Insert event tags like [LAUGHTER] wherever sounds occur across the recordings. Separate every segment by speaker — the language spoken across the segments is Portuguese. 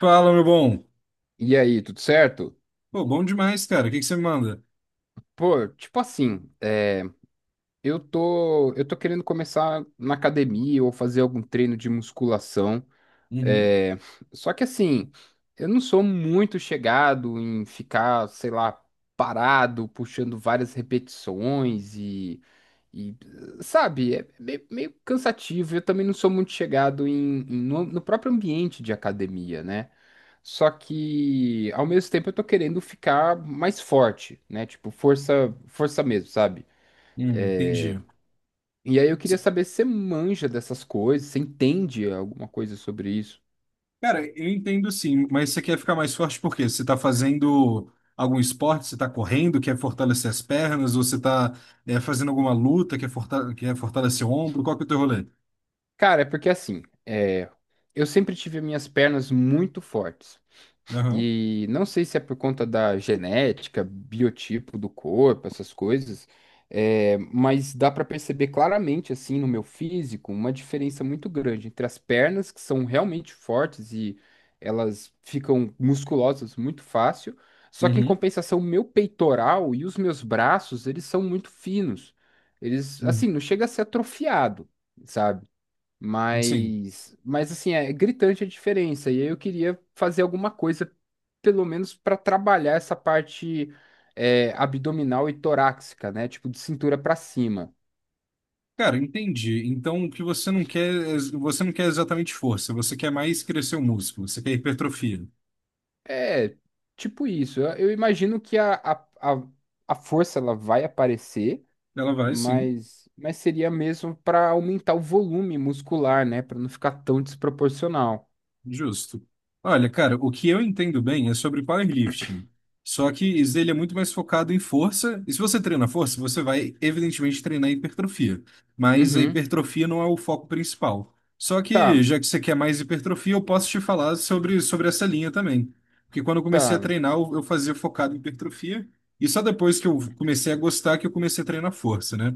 Speaker 1: Fala, meu bom.
Speaker 2: E aí, tudo certo?
Speaker 1: Pô, bom demais, cara. O que que você me manda?
Speaker 2: Pô, tipo assim, eu tô querendo começar na academia ou fazer algum treino de musculação.
Speaker 1: Uhum.
Speaker 2: é, Só que assim, eu não sou muito chegado em ficar, sei lá, parado, puxando várias repetições e, sabe, é meio cansativo. Eu também não sou muito chegado no próprio ambiente de academia, né? Só que ao mesmo tempo eu tô querendo ficar mais forte, né? Tipo, força mesmo, sabe?
Speaker 1: Entendi.
Speaker 2: E aí eu queria
Speaker 1: Cê-
Speaker 2: saber se você manja dessas coisas, você entende alguma coisa sobre isso?
Speaker 1: Cara, eu entendo sim, mas você quer ficar mais forte por quê? Você tá fazendo algum esporte? Você tá correndo, quer fortalecer as pernas? Ou você tá fazendo alguma luta, quer, quer fortalecer o ombro? Qual que é o teu rolê?
Speaker 2: Cara, é porque assim, é, eu sempre tive minhas pernas muito fortes.
Speaker 1: Aham.
Speaker 2: E não sei se é por conta da genética, biotipo do corpo, essas coisas, é, mas dá para perceber claramente, assim, no meu físico, uma diferença muito grande entre as pernas, que são realmente fortes e elas ficam musculosas muito fácil, só que em
Speaker 1: Uhum.
Speaker 2: compensação, meu peitoral e os meus braços, eles são muito finos. Eles,
Speaker 1: Uhum.
Speaker 2: assim, não chega a ser atrofiado, sabe?
Speaker 1: Sim.
Speaker 2: Mas assim, é gritante a diferença. E aí eu queria fazer alguma coisa, pelo menos para trabalhar essa parte abdominal e torácica, né? Tipo, de cintura para cima.
Speaker 1: Cara, entendi. Então, o que você não quer, você não quer exatamente força, você quer mais crescer o músculo, você quer hipertrofia.
Speaker 2: É, tipo isso. Eu imagino que a, a força ela vai aparecer,
Speaker 1: Ela vai, sim.
Speaker 2: mas seria mesmo para aumentar o volume muscular, né? Para não ficar tão desproporcional.
Speaker 1: Justo. Olha, cara, o que eu entendo bem é sobre powerlifting. Só que isso ele é muito mais focado em força. E se você treina força, você vai, evidentemente, treinar hipertrofia. Mas a
Speaker 2: Uhum.
Speaker 1: hipertrofia não é o foco principal. Só
Speaker 2: Tá,
Speaker 1: que, já que você quer mais hipertrofia, eu posso te falar sobre essa linha também. Porque quando eu comecei a
Speaker 2: tá.
Speaker 1: treinar, eu fazia focado em hipertrofia. E só depois que eu comecei a gostar que eu comecei a treinar força, né?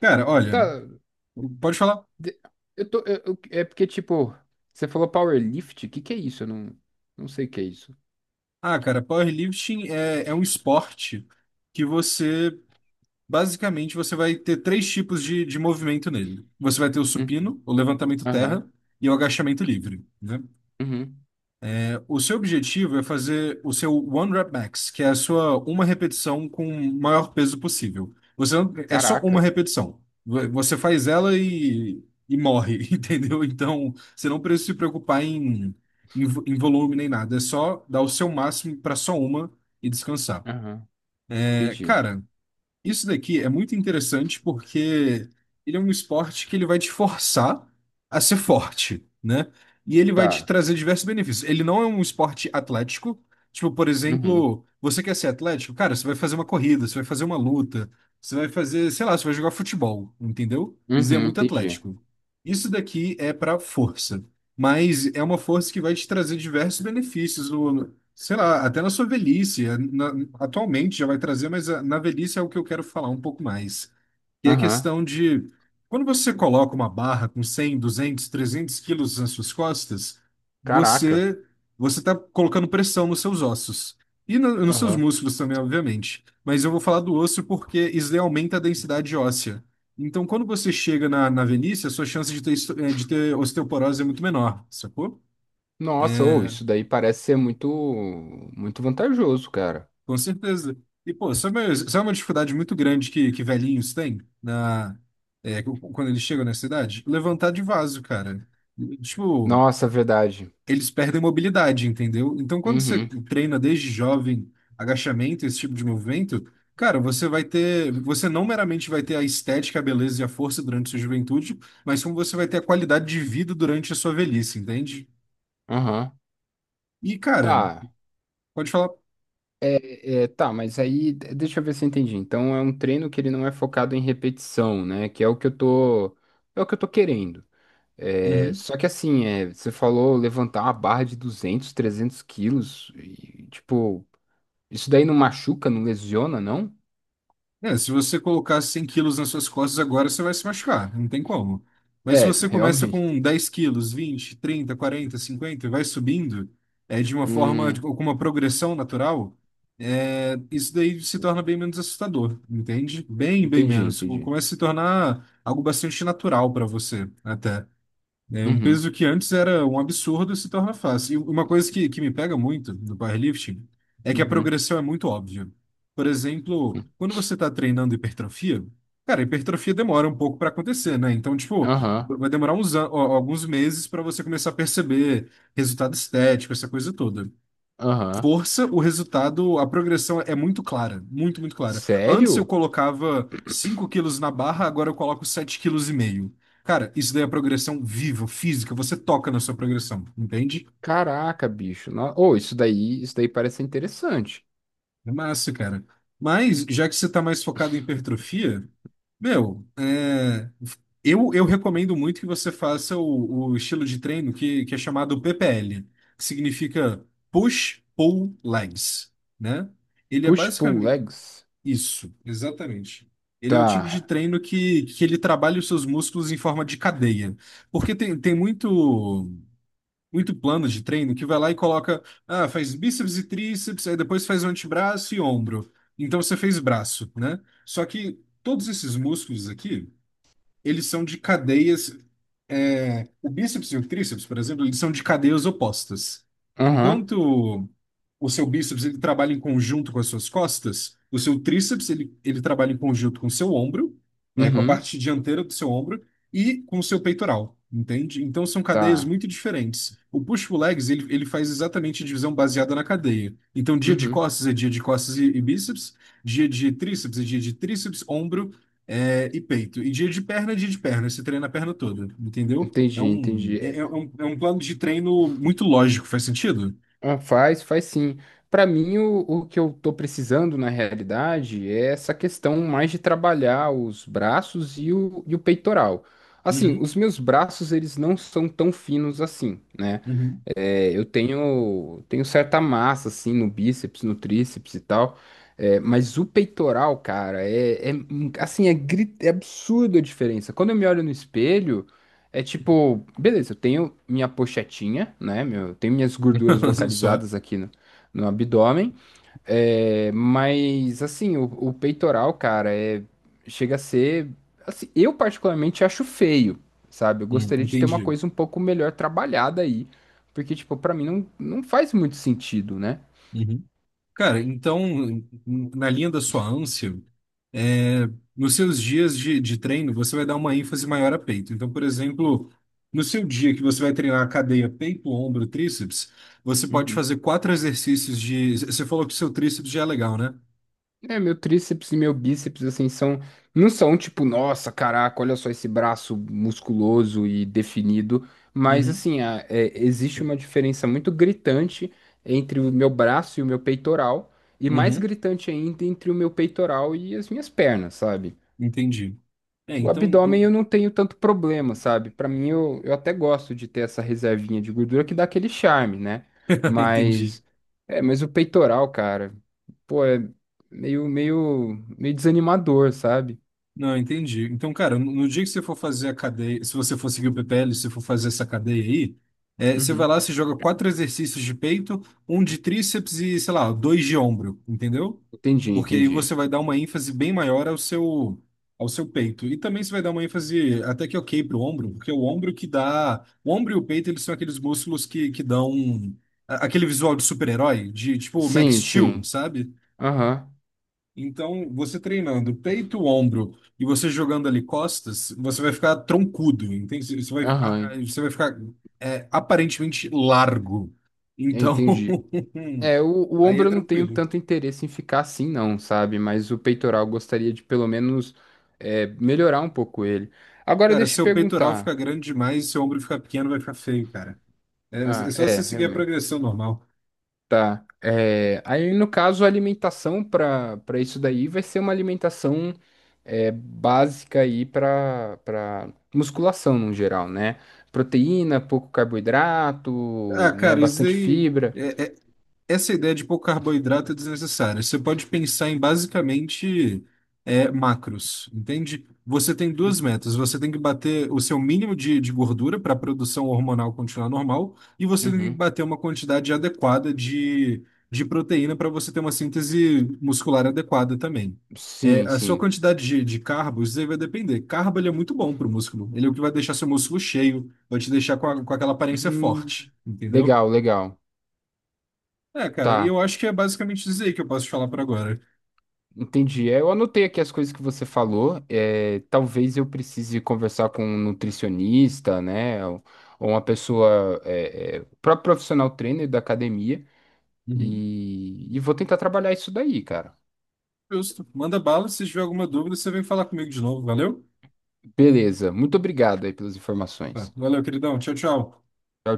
Speaker 1: Cara, olha,
Speaker 2: Tá.
Speaker 1: pode falar.
Speaker 2: De- Eu tô, é porque, tipo, você falou powerlift? O que que é isso? Eu não, não sei o que é isso.
Speaker 1: Ah, cara, powerlifting é um esporte que você basicamente, você vai ter três tipos de movimento nele. Você vai ter o
Speaker 2: Uhum.
Speaker 1: supino, o levantamento
Speaker 2: Aham.
Speaker 1: terra e o agachamento livre, né?
Speaker 2: Uhum.
Speaker 1: O seu objetivo é fazer o seu one rep max, que é a sua uma repetição com o maior peso possível. Você não- É só uma
Speaker 2: Caraca.
Speaker 1: repetição. Você faz ela e morre, [LAUGHS] entendeu? Então, você não precisa se preocupar em volume nem nada. É só dar o seu máximo para só uma e descansar.
Speaker 2: Aham.
Speaker 1: É,
Speaker 2: Entendi.
Speaker 1: cara. Isso daqui é muito interessante porque ele é um esporte que ele vai te forçar a ser forte, né? E ele vai te
Speaker 2: Tá.
Speaker 1: trazer diversos benefícios. Ele não é um esporte atlético. Tipo, por
Speaker 2: Uhum.
Speaker 1: exemplo, você quer ser atlético? Cara, você vai fazer uma corrida, você vai fazer uma luta, você vai fazer, sei lá, você vai jogar futebol, entendeu? Isso é
Speaker 2: Uhum.
Speaker 1: muito
Speaker 2: Entendi.
Speaker 1: atlético. Isso daqui é para força, mas é uma força que vai te trazer diversos benefícios, sei lá, até na sua velhice, atualmente já vai trazer, mas ah, na velhice é o que eu quero falar um pouco mais. E a
Speaker 2: Aham.
Speaker 1: questão de quando você coloca uma barra com 100, 200, 300 quilos nas suas costas,
Speaker 2: Caraca.
Speaker 1: você você está colocando pressão nos seus ossos e nos seus
Speaker 2: Aham.
Speaker 1: músculos também, obviamente. Mas eu vou falar do osso porque isso daí aumenta a densidade óssea. Então, quando você chega na, na velhice, a sua chance de ter, de ter osteoporose é muito menor, sacou?
Speaker 2: Nossa, ou isso daí parece ser muito vantajoso, cara.
Speaker 1: Com certeza. E, pô, isso é uma dificuldade muito grande que velhinhos têm na, quando eles chegam na cidade. Levantar de vaso, cara. Tipo,
Speaker 2: Nossa, é verdade.
Speaker 1: eles perdem mobilidade, entendeu? Então, quando você
Speaker 2: Uhum.
Speaker 1: treina desde jovem agachamento, esse tipo de movimento, cara, você vai ter. Você não meramente vai ter a estética, a beleza e a força durante a sua juventude, mas como você vai ter a qualidade de vida durante a sua velhice, entende?
Speaker 2: Aham.
Speaker 1: E, cara,
Speaker 2: Tá.
Speaker 1: pode falar.
Speaker 2: Tá, mas aí deixa eu ver se eu entendi. Então é um treino que ele não é focado em repetição, né? Que é o que eu tô, é o que eu tô querendo. É,
Speaker 1: Uhum.
Speaker 2: só que assim, é, você falou levantar uma barra de duzentos trezentos quilos e tipo, isso daí não machuca, não lesiona, não?
Speaker 1: É, se você colocar 100 quilos nas suas costas agora, você vai se machucar, não tem como. Mas se
Speaker 2: É, [LAUGHS]
Speaker 1: você começa
Speaker 2: realmente.
Speaker 1: com 10 quilos, 20, 30, 40, 50 e vai subindo, é, de uma forma,
Speaker 2: Hum,
Speaker 1: com uma progressão natural, é, isso daí se torna bem menos assustador, entende? Bem, bem menos.
Speaker 2: entendi.
Speaker 1: Começa a se tornar algo bastante natural para você, até. É, um
Speaker 2: Uhum,
Speaker 1: peso que antes era um absurdo se torna fácil. E uma coisa que me pega muito no powerlifting é que a
Speaker 2: uhum.
Speaker 1: progressão é muito óbvia. Por exemplo,
Speaker 2: hum.
Speaker 1: quando você está treinando hipertrofia, cara, a hipertrofia demora um pouco para acontecer, né? Então, tipo,
Speaker 2: Aham,
Speaker 1: vai demorar uns, ó, alguns meses para você começar a perceber resultado estético, essa coisa toda,
Speaker 2: aham.
Speaker 1: força, o resultado, a progressão é muito clara, muito, muito clara. Antes eu
Speaker 2: Sério?
Speaker 1: colocava 5 quilos na barra, agora eu coloco sete quilos e meio. Cara, isso daí é progressão viva, física, você toca na sua progressão, entende?
Speaker 2: Caraca, bicho. Ô, isso daí parece interessante.
Speaker 1: É massa, cara. Mas, já que você tá mais focado em hipertrofia, meu, é, eu recomendo muito que você faça o estilo de treino que é chamado PPL, que significa Push Pull Legs, né? Ele é
Speaker 2: Push-pull
Speaker 1: basicamente,
Speaker 2: legs.
Speaker 1: isso, exatamente. Ele é o tipo de
Speaker 2: Tá.
Speaker 1: treino que ele trabalha os seus músculos em forma de cadeia. Porque muito plano de treino que vai lá e coloca, ah, faz bíceps e tríceps, aí depois faz o antebraço e ombro. Então você fez braço, né? Só que todos esses músculos aqui eles são de cadeias. É, o bíceps e o tríceps, por exemplo, eles são de cadeias opostas.
Speaker 2: Aham.
Speaker 1: Enquanto o seu bíceps ele trabalha em conjunto com as suas costas, o seu tríceps ele trabalha em conjunto com o seu ombro, é, com a
Speaker 2: Uhum.
Speaker 1: parte dianteira do seu ombro e com o seu peitoral, entende? Então são cadeias
Speaker 2: Tá.
Speaker 1: muito diferentes. O push-pull-legs ele faz exatamente divisão baseada na cadeia. Então dia de
Speaker 2: Uhum.
Speaker 1: costas é dia de costas e bíceps, dia de tríceps é dia de tríceps, ombro, é, e peito. E dia de perna é dia de perna. Você treina a perna toda, entendeu?
Speaker 2: Entendi. É,
Speaker 1: É um plano de treino muito lógico, faz sentido?
Speaker 2: ah, faz sim. Pra mim, o que eu tô precisando na realidade é essa questão mais de trabalhar os braços e o peitoral. Assim,
Speaker 1: Uhum,
Speaker 2: os meus braços, eles não são tão finos assim, né?
Speaker 1: uhum.
Speaker 2: É, tenho certa massa, assim, no bíceps, no tríceps e tal. É, mas o peitoral, cara, assim, é absurda a diferença. Quando eu me olho no espelho, é tipo, beleza, eu tenho minha pochetinha, né? Meu, eu tenho minhas gorduras
Speaker 1: [LAUGHS] Só.
Speaker 2: localizadas aqui no abdômen. É, mas assim, o peitoral, cara, é, chega a ser. Assim, eu particularmente acho feio, sabe? Eu
Speaker 1: Uhum,
Speaker 2: gostaria de ter uma
Speaker 1: entendi.
Speaker 2: coisa um pouco melhor trabalhada aí. Porque, tipo, pra mim não faz muito sentido, né?
Speaker 1: Uhum. Cara, então, na linha da sua ânsia, é, nos seus dias de treino, você vai dar uma ênfase maior a peito. Então, por exemplo, no seu dia que você vai treinar a cadeia peito, ombro, tríceps, você pode
Speaker 2: Uhum.
Speaker 1: fazer quatro exercícios de. Você falou que o seu tríceps já é legal, né?
Speaker 2: É, meu tríceps e meu bíceps, assim, são, não são tipo, nossa, caraca, olha só esse braço musculoso e definido, mas
Speaker 1: Uhum.
Speaker 2: assim, é, existe uma diferença muito gritante entre o meu braço e o meu peitoral, e mais
Speaker 1: Uhum.
Speaker 2: gritante ainda entre o meu peitoral e as minhas pernas, sabe?
Speaker 1: Entendi. É,
Speaker 2: O
Speaker 1: então. [LAUGHS]
Speaker 2: abdômen eu não tenho tanto problema, sabe? Pra mim, eu até gosto de ter essa reservinha de gordura que dá aquele charme, né?
Speaker 1: Entendi.
Speaker 2: Mas, é, mas o peitoral, cara, pô, é meio desanimador, sabe?
Speaker 1: Não, entendi. Então, cara, no no dia que você for fazer a cadeia, se você for seguir o PPL, se você for fazer essa cadeia aí, é, você vai
Speaker 2: Uhum.
Speaker 1: lá, você joga quatro exercícios de peito, um de tríceps e, sei lá, dois de ombro, entendeu? Porque aí
Speaker 2: Entendi.
Speaker 1: você vai dar uma ênfase bem maior ao seu peito. E também você vai dar uma ênfase até que ok pro ombro, porque é o ombro que dá. O ombro e o peito, eles são aqueles músculos que dão aquele visual de super-herói, de tipo Max
Speaker 2: Sim,
Speaker 1: Steel,
Speaker 2: sim.
Speaker 1: sabe?
Speaker 2: Aham,
Speaker 1: Então, você treinando peito, ombro e você jogando ali costas, você vai ficar troncudo, entende?
Speaker 2: aham,
Speaker 1: Você vai ficar é, aparentemente largo. Então,
Speaker 2: entendi.
Speaker 1: [LAUGHS]
Speaker 2: É, o
Speaker 1: aí é
Speaker 2: ombro eu não tenho
Speaker 1: tranquilo.
Speaker 2: tanto interesse em ficar assim, não, sabe? Mas o peitoral eu gostaria de pelo menos é, melhorar um pouco ele. Agora
Speaker 1: Cara,
Speaker 2: deixa eu te
Speaker 1: seu peitoral fica
Speaker 2: perguntar.
Speaker 1: grande demais, seu ombro fica pequeno, vai ficar feio, cara. É
Speaker 2: Ah,
Speaker 1: só
Speaker 2: é,
Speaker 1: você seguir a
Speaker 2: realmente.
Speaker 1: progressão normal.
Speaker 2: Tá. É, aí, no caso, a alimentação para isso daí vai ser uma alimentação é, básica aí para musculação no geral, né? Proteína, pouco
Speaker 1: Ah,
Speaker 2: carboidrato, né?
Speaker 1: cara, isso
Speaker 2: Bastante
Speaker 1: daí.
Speaker 2: fibra.
Speaker 1: é, é, essa ideia de pouco carboidrato é desnecessária. Você pode pensar em basicamente é, macros, entende? Você tem duas
Speaker 2: Uhum,
Speaker 1: metas. Você tem que bater o seu mínimo de gordura para a produção hormonal continuar normal, e você tem que
Speaker 2: uhum.
Speaker 1: bater uma quantidade adequada de proteína para você ter uma síntese muscular adequada também. É,
Speaker 2: Sim,
Speaker 1: a sua
Speaker 2: sim.
Speaker 1: quantidade de carbo, isso aí vai depender. Carbo, ele é muito bom para o músculo. Ele é o que vai deixar seu músculo cheio, vai te deixar com, com aquela aparência
Speaker 2: Hum,
Speaker 1: forte, entendeu?
Speaker 2: legal.
Speaker 1: É, cara, e
Speaker 2: Tá.
Speaker 1: eu acho que é basicamente isso aí que eu posso te falar por agora.
Speaker 2: Entendi. É, eu anotei aqui as coisas que você falou. É, talvez eu precise conversar com um nutricionista, né? Ou, uma pessoa, o próprio profissional trainer da academia.
Speaker 1: Uhum.
Speaker 2: E vou tentar trabalhar isso daí, cara.
Speaker 1: Justo. Manda bala, se tiver alguma dúvida, você vem falar comigo de novo, valeu?
Speaker 2: Beleza. Muito obrigado aí pelas
Speaker 1: Tá,
Speaker 2: informações.
Speaker 1: valeu, queridão. Tchau, tchau.
Speaker 2: Tchau,